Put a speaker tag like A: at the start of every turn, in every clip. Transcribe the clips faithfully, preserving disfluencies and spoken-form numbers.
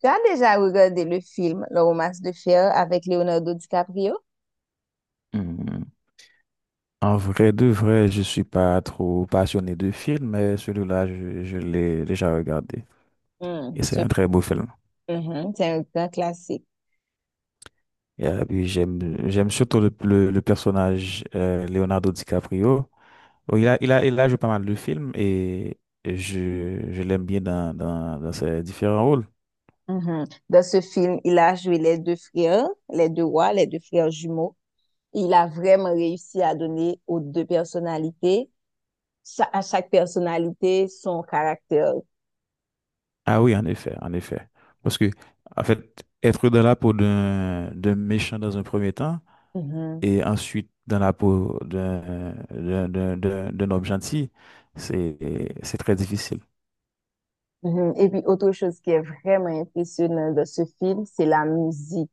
A: Tu as déjà regardé le film Le Romance de Fer avec Leonardo DiCaprio?
B: Hmm. En vrai de vrai, je suis pas trop passionné de films, mais celui-là, je, je l'ai déjà regardé.
A: Hmm,
B: Et c'est
A: ce-
B: un très beau film.
A: mhm, c'est un grand classique.
B: Et euh, puis j'aime, j'aime surtout le, le- le personnage euh, Leonardo DiCaprio. Oh, Il a, il a, il a joué pas mal de films et je, je l'aime bien dans, dans, dans ses différents rôles.
A: Mhm. Dans ce film, il a joué les deux frères, les deux rois, les deux frères jumeaux. Il a vraiment réussi à donner aux deux personnalités, cha- à chaque personnalité, son caractère.
B: Ah oui, en effet, en effet. Parce que, en fait, être dans la peau d'un d'un méchant dans un premier temps,
A: Mhm,
B: et ensuite dans la peau d'un d'un- d'un- d'un- d'un homme gentil, c'est c'est très difficile.
A: mhm. Et puis, autre chose qui est vraiment impressionnant dans ce film, c'est la musique.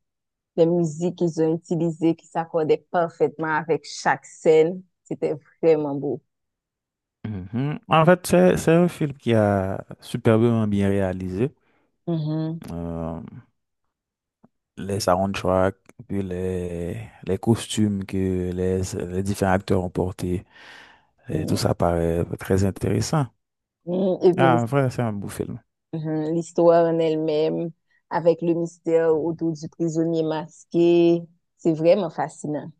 A: Les musiques qu'ils ont utilisées qui s'accordaient parfaitement avec chaque scène. C'était vraiment beau.
B: Mhm. En fait, c'est c'est un film qui a superbement bien réalisé.
A: Mhm.
B: Euh, les soundtracks, puis les, les costumes que les, les différents acteurs ont portés, et tout ça paraît très intéressant.
A: Mhm. Et puis
B: Ah,
A: l'his-
B: en vrai, c'est un beau film.
A: mhm. L'histoire en elle-même, avec le mystère autour du prisonnier masqué, c'est vraiment fascinant.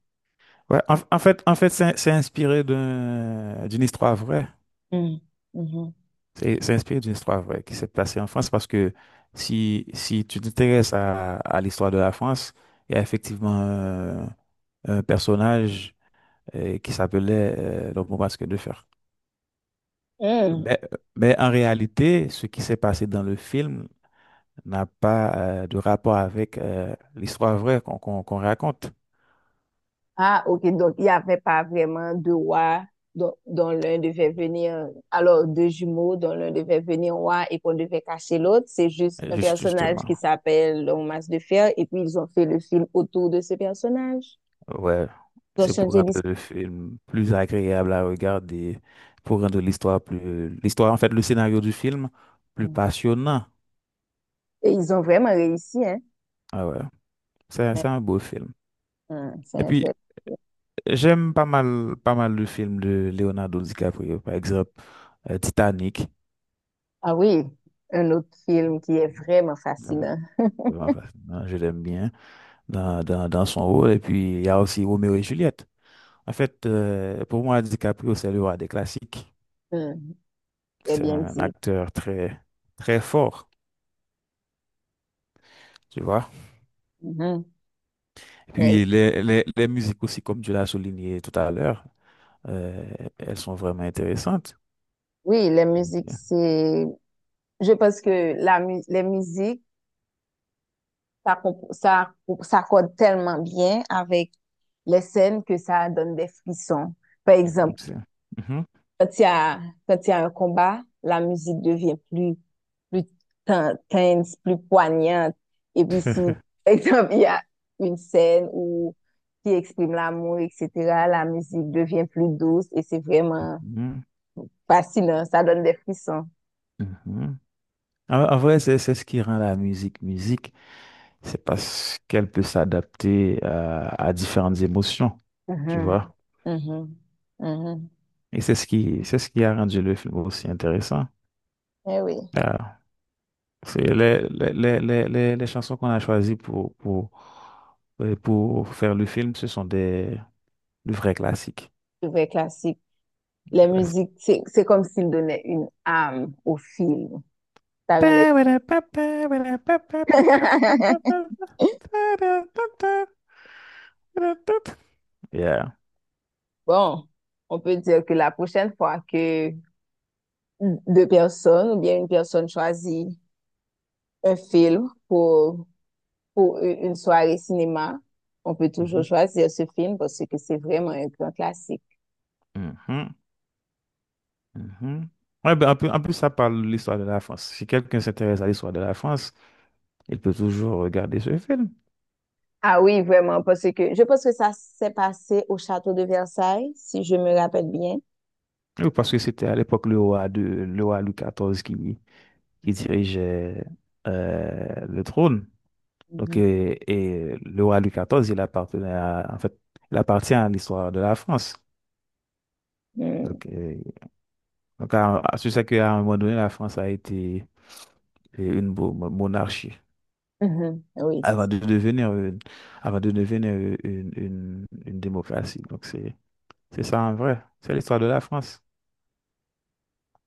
B: Ouais, en, en fait, en fait, c'est c'est inspiré d'un- d'une histoire vraie.
A: Mhm. Mhm.
B: C'est c'est inspiré d'une histoire vraie qui s'est passée en France parce que si, si tu t'intéresses à, à l'histoire de la France, il y a effectivement euh, un personnage euh, qui s'appelait euh, donc Montbasque de Fer.
A: Mhm.
B: Mais, mais en réalité, ce qui s'est passé dans le film n'a pas euh, de rapport avec euh, l'histoire vraie qu'on qu'on qu'on raconte,
A: Ah, ok, donc il n'y avait pas vraiment de roi dont, dont l'un devait venir, alors deux jumeaux dont l'un devait venir roi et qu'on devait cacher l'autre. C'est juste
B: euh,
A: un
B: juste-
A: personnage
B: justement.
A: qui s'appelle le masque de fer et puis ils ont fait le film autour de ce personnage.
B: Ouais,
A: Ils ont
B: c'est pour
A: changé
B: rendre
A: l'histoire.
B: le film plus agréable à regarder, pour rendre l'histoire plus L'histoire, en fait, le scénario du film plus passionnant.
A: Et ils ont vraiment réussi, hein?
B: Ah ouais, c'est c'est un beau film.
A: Mhm. C'est
B: Et
A: un
B: puis,
A: très
B: j'aime pas mal, pas mal le film de Leonardo DiCaprio, par exemple, euh, Titanic.
A: Ah oui, un autre film qui est vraiment
B: Euh,
A: fascinant.
B: vraiment fascinant, je l'aime bien dans, dans, dans son rôle. Et puis, il y a aussi Roméo et Juliette. En fait, euh, pour moi, DiCaprio, c'est le roi des classiques.
A: Hum, très
B: C'est
A: bien
B: un
A: dit.
B: acteur très, très fort, tu vois.
A: Mhm. Mais oui,
B: Puis les, les, les musiques aussi, comme tu l'as souligné tout à l'heure, euh, elles sont vraiment intéressantes.
A: oui, la musique, c'est... Je pense que la mu- les musiques, ça, comp- ça, ça s'accorde tellement bien avec les scènes que ça donne des frissons. Par
B: Mm,
A: exemple,
B: c'est- Mhm.
A: Quand il y a, quand il y a un combat, la musique devient plus, plus ten- tense, plus poignante. Et puis si, par exemple, il y a une scène où qui exprime l'amour, et cetera, la musique devient plus douce et c'est vraiment
B: Mhm,
A: fascinant. Ça donne des frissons.
B: mhm. En, en vrai, c'est c'est ce qui rend la musique musique, c'est parce qu'elle peut s'adapter à, à différentes émotions, tu
A: Mhm,
B: vois.
A: mhm, mhm.
B: Et c'est ce qui, c'est ce qui a rendu le film aussi intéressant.
A: Eh oui,
B: Ah, c'est les, les, les, les, les- les chansons qu'on a choisies pour, pour, euh, pour faire le film, ce sont des, de vrais classiques.
A: c'est vrai classique. Les
B: Classe.
A: musiques, c'est c'est comme s'ils donnaient une âme au film. Ça rend les-
B: Yeah.
A: Bon, on peut dire que la prochaine fois que deux personnes ou bien une personne choisit un film pour, pour une soirée cinéma, on peut toujours
B: Mhm,
A: choisir ce film parce que c'est vraiment un grand classique.
B: mhm, mhm. Ouais, ben, en plus, en plus, ça parle de l'histoire de la France. Si quelqu'un s'intéresse à l'histoire de la France, il peut toujours regarder ce film.
A: Ah oui, vraiment, parce que je pense que ça s'est passé au château de Versailles, si je me rappelle bien.
B: Oui, parce que c'était à l'époque le roi de, le roi Louis quatorze qui, qui dirigeait euh, le trône. Donc,
A: Mhm.
B: et, et le roi Louis quatorze, il appartenait à- en fait, il appartient à l'histoire de la France.
A: Mm.
B: Donc, euh, Donc, à- à- c'est ça qu'à un moment donné, la France a été une bo- monarchie
A: Mhm, oui.
B: avant de devenir une, avant de devenir une, une- une- démocratie. Donc, c'est, c'est ça en vrai. C'est l'histoire de la France.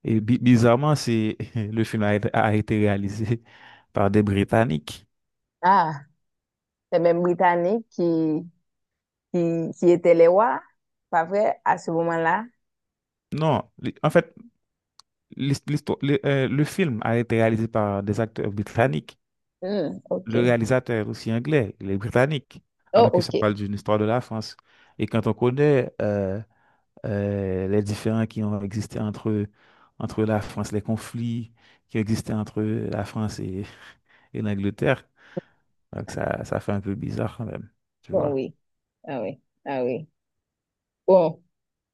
B: Et bi- bizarrement, c'est, le film a été, a été réalisé par des Britanniques.
A: Ah, c'est même Britannique qui, qui, qui était les rois, pas vrai, à ce moment-là.
B: Non, li- en fait, l'his- l'histoire- le, euh, le film a été réalisé par des acteurs britanniques.
A: Hmm, ok.
B: Le réalisateur est aussi anglais, il est britannique,
A: Oh,
B: alors que ça
A: ok.
B: parle d'une histoire de la France. Et quand on connaît euh, euh, les différends qui ont existé entre, entre la France, les conflits qui ont existé entre la France et, et l'Angleterre. Donc ça, ça fait un peu bizarre quand même, tu
A: Bon,
B: vois.
A: oui. Ah oui. Ah oui. Bon.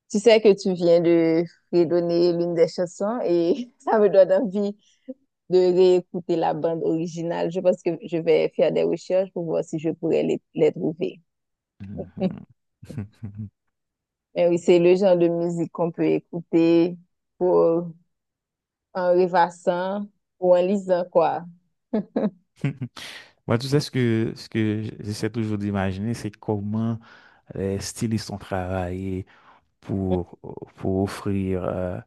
A: Tu sais que tu viens de redonner l'une des chansons et ça me donne envie de réécouter la bande originale. Je pense que je vais faire des recherches pour voir si je pourrais les, les trouver.
B: Mhm.
A: Mais oui, c'est le genre de musique qu'on peut écouter pour, en rêvassant ou en lisant, quoi.
B: Moi, tu sais, ce que, ce que j'essaie toujours d'imaginer, c'est comment les stylistes ont travaillé pour, pour offrir euh,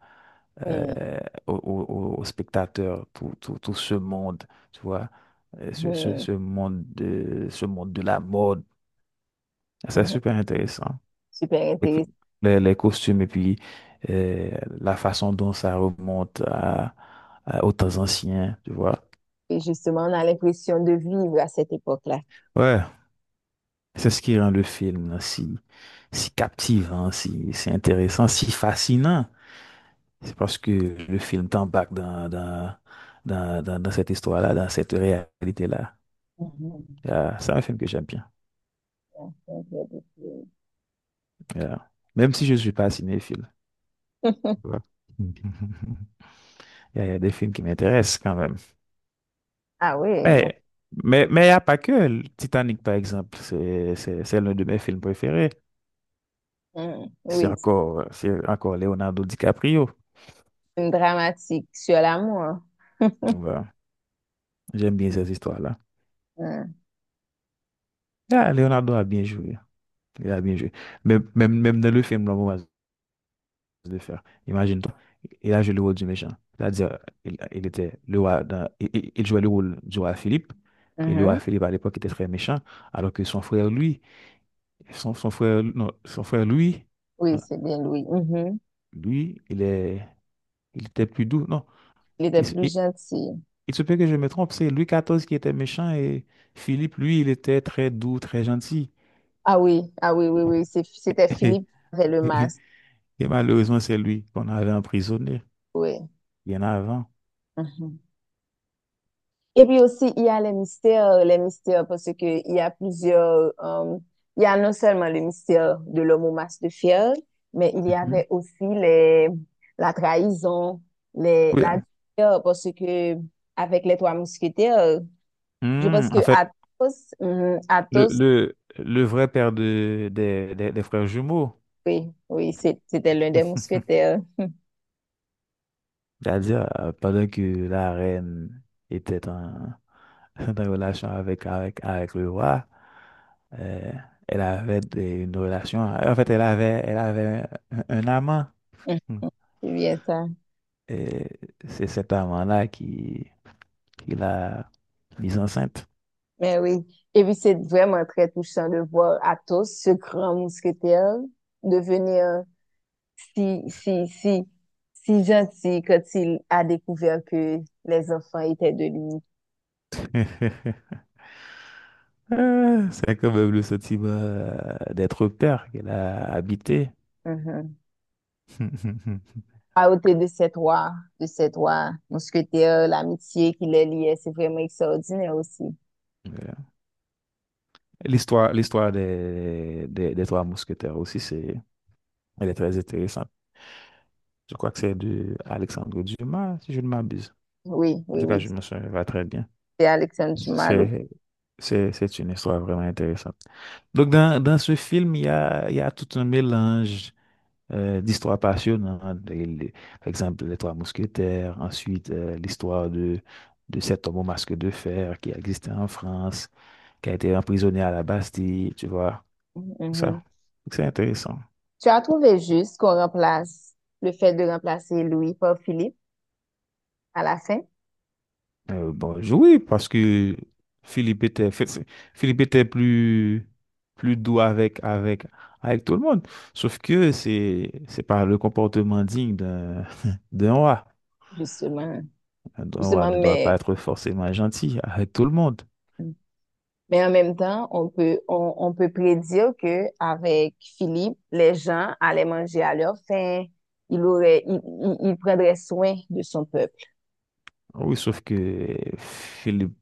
A: Mhm,
B: euh, aux, aux- aux spectateurs tout, tout, tout ce monde, tu vois, euh, ce, ce, ce monde de, ce monde de la mode. C'est
A: mhm.
B: super intéressant.
A: Super
B: Les,
A: intéressant.
B: les- les costumes et puis euh, la façon dont ça remonte à, à- aux temps anciens, tu vois.
A: Et justement, on a l'impression de vivre à cette époque-là.
B: Ouais, c'est ce qui rend le film si, si captivant, si, si intéressant, si fascinant. C'est parce que le film t'embarque dans, dans, dans, dans, dans cette histoire-là, dans cette réalité-là.
A: Mhm.
B: Euh, c'est un film que j'aime bien. Euh, Même si je ne suis pas cinéphile. Tu vois. Il y a il y a des films qui m'intéressent quand même.
A: Ah oui, bon.
B: Mais mais mais il n'y a pas que le Titanic, par exemple. C'est c'est- c'est l'un de mes films préférés.
A: Mhm.
B: C'est
A: Oui,
B: encore, c'est encore Leonardo DiCaprio.
A: une dramatique sur l'amour.
B: Voilà. J'aime bien ces histoires-là.
A: Hmm.
B: Ah, Leonardo a bien joué. Il a bien joué. Même, même, même dans le film, le moment de faire. Imagine-toi. Il a joué le rôle du méchant. C'est-à-dire, il, il était le roi dans- il, il- il jouait le rôle du roi Philippe. Et le
A: Mhm.
B: roi Philippe, à l'époque, était très méchant. Alors que son frère, lui, son, son frère, non, son frère, lui,
A: Oui,
B: euh,
A: c'est bien lui. Mhm.
B: lui, il est. Il était plus doux. Non,
A: Il était
B: il, se
A: plus
B: il-
A: gentil.
B: il se peut que je me trompe. C'est Louis quatorze qui était méchant et Philippe, lui, il était très doux, très gentil.
A: Ah oui, ah oui, oui, oui. c'est- C'était
B: Et,
A: Philippe avec le
B: et-
A: masque.
B: et malheureusement, c'est lui qu'on avait emprisonné
A: Oui.
B: bien avant.
A: Mhm. Et puis aussi, il y a les mystères, les mystères, parce que il y a plusieurs, euh, il y a non seulement le mystère de l'homme au masque de fer, mais il y
B: Mhm.
A: avait aussi les, la trahison, les,
B: Oui.
A: la douleur, parce que avec les trois mousquetaires, je pense
B: Hmm,
A: que
B: en fait,
A: Athos, mhm,
B: le,
A: Athos.
B: le, le vrai père de, des, des- des frères jumeaux,
A: Oui, oui, c'est- c'était l'un des mousquetaires.
B: c'est-à-dire euh, pendant que la reine était en, une relation avec, avec, avec le roi. Euh, elle avait des- une relation. En fait, elle avait, elle avait un, un amant.
A: Mm.
B: Hmm.
A: C'est bien ça.
B: Et c'est cet amant-là qui, qui l'a mise enceinte.
A: Mais oui. Et puis, c'est vraiment très touchant de voir Athos, ce grand mousquetaire, devenir si, si, si, si gentil quand il a découvert que les enfants étaient de lui.
B: Ah, c'est quand même le sentiment euh, d'être père qu'elle a habité.
A: Mhm. À côté de ces trois, de ces trois mousquetaires, l'amitié qui les liait, c'est vraiment extraordinaire aussi.
B: Voilà. L'histoire, l'histoire des, des, des Trois Mousquetaires aussi, c'est, elle est très intéressante. Je crois que c'est de Alexandre Dumas, si je ne m'abuse.
A: Oui,
B: En
A: oui,
B: tout cas,
A: oui.
B: je me souviens pas très bien.
A: C'est Alexandre Dumas, l'autre.
B: C'est, c'est, c'est une histoire vraiment intéressante. Donc, dans, dans ce film, il y a, il y a tout un mélange euh, d'histoires passionnantes. Et les- par exemple, les Trois Mousquetaires, ensuite, euh, l'histoire de, de cet homme au masque de fer qui existait en France, qui a été emprisonné à la Bastille, tu vois, tout ça.
A: Mhm.
B: Donc, c'est intéressant.
A: Tu as trouvé juste qu'on remplace le fait de remplacer Louis par Philippe à la fin,
B: Euh, bon, je- oui, parce que Philippe était, Fi- Fi- Philippe était plus, plus doux avec, avec, avec tout le monde. Sauf que c'est, c'est pas le comportement digne d'un, d'un roi.
A: justement,
B: Un roi
A: justement,
B: ne doit
A: mais
B: pas être forcément gentil avec tout le monde.
A: mais en même temps, on peut on, on peut prédire que avec Philippe, les gens allaient manger à leur faim, il aurait il, il, il prendrait soin de son peuple.
B: Oui, sauf que Philippe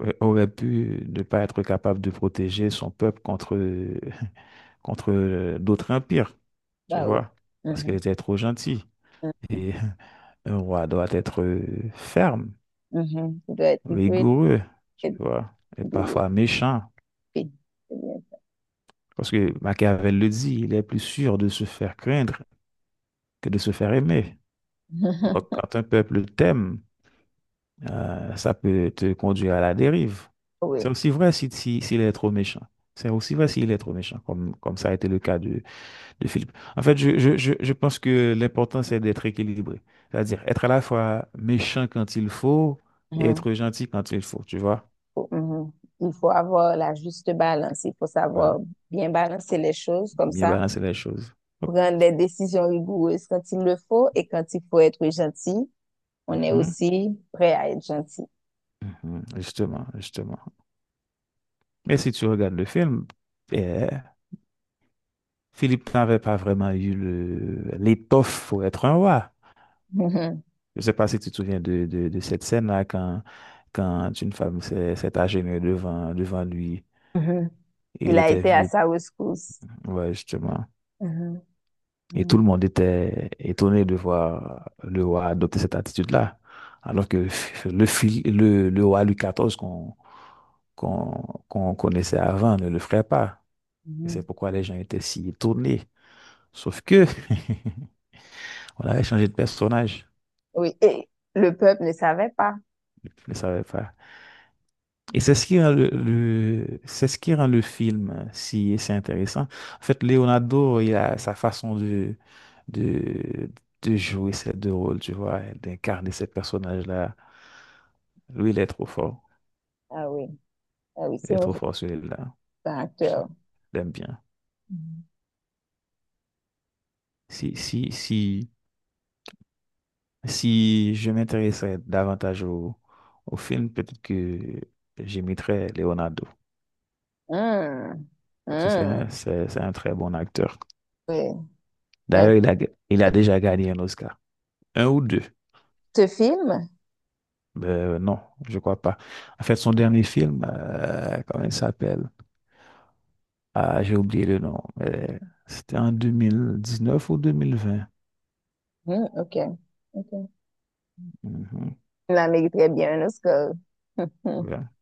B: euh, aurait pu ne pas être capable de protéger son peuple contre, contre euh, d'autres empires, tu
A: Bah oui.
B: vois, parce qu'il
A: Mhm,
B: était trop gentil. Et un roi doit être euh, ferme,
A: mhm, mhm. Il doit être il doit
B: rigoureux, tu
A: être-
B: vois, et
A: il doit
B: parfois méchant. Parce que Machiavel le dit, il est plus sûr de se faire craindre que de se faire aimer. Donc, quand un peuple t'aime, euh, ça peut te conduire à la dérive.
A: Oui.
B: C'est aussi vrai si, si- s'il est trop méchant. C'est aussi vrai s'il est trop méchant, comme, comme ça a été le cas de, de Philippe. En fait, je, je, je, je pense que l'important, c'est d'être équilibré. C'est-à-dire être à la fois méchant quand il faut et
A: Mhm.
B: être gentil quand il faut, tu vois.
A: faut- mhm. Il faut avoir la juste balance. Il faut savoir
B: Voilà,
A: bien balancer les choses comme
B: bien
A: ça,
B: balancer les choses. Hop.
A: prendre des décisions rigoureuses quand il le faut et quand il faut être gentil, on est
B: Mhm.
A: aussi prêt à être gentil.
B: Mhm, justement, justement. Mais si tu regardes le film, eh, Philippe n'avait pas vraiment eu le, l'étoffe pour être un roi.
A: Mhm.
B: Je ne sais pas si tu te souviens de, de, de cette scène-là quand, quand une femme s'est s'est agenouillée devant, devant lui
A: Mhm,
B: et
A: il
B: il
A: a
B: était
A: été à
B: vide.
A: sa rescousse.
B: Ouais, justement.
A: Mhm.
B: Et tout
A: Mhm,
B: le monde était étonné de voir le roi adopter cette attitude-là. Alors que le, Phil- le, le roi Louis quatorze qu'on qu'on qu'on connaissait avant ne le ferait pas. Et c'est
A: mhm.
B: pourquoi les gens étaient si étonnés. Sauf que on avait changé de personnage.
A: Oui, et le peuple ne savait pas.
B: Je ne savais pas. Et c'est ce qui rend le, le- c'est ce qui rend le film si c'est intéressant. En fait, Leonardo, il a sa façon de, de, de jouer ces deux rôles, tu vois, et d'incarner ces personnages-là. Lui, il est trop fort.
A: Ah oui, ah oui,
B: Il
A: c'est
B: est
A: un
B: trop fort, celui-là. Je
A: acteur.
B: l'aime bien.
A: Mhm.
B: Si, si, si. Si je m'intéressais davantage au, au film, peut-être que j'imiterais Leonardo,
A: hmm
B: parce que c'est
A: hum,
B: un, c'est, c'est un très bon acteur.
A: oui. C'est un-
B: D'ailleurs, il a, il a déjà gagné un Oscar. Un ou deux.
A: Ce film?
B: Euh, non, je crois pas. En fait, son dernier film, euh, comment il s'appelle? Ah, j'ai oublié le nom. Mais c'était en deux mille dix-neuf ou deux mille vingt.
A: hmm, ok. Ok.
B: Mhm.
A: La mérite très bien un Oscar.
B: Ouais.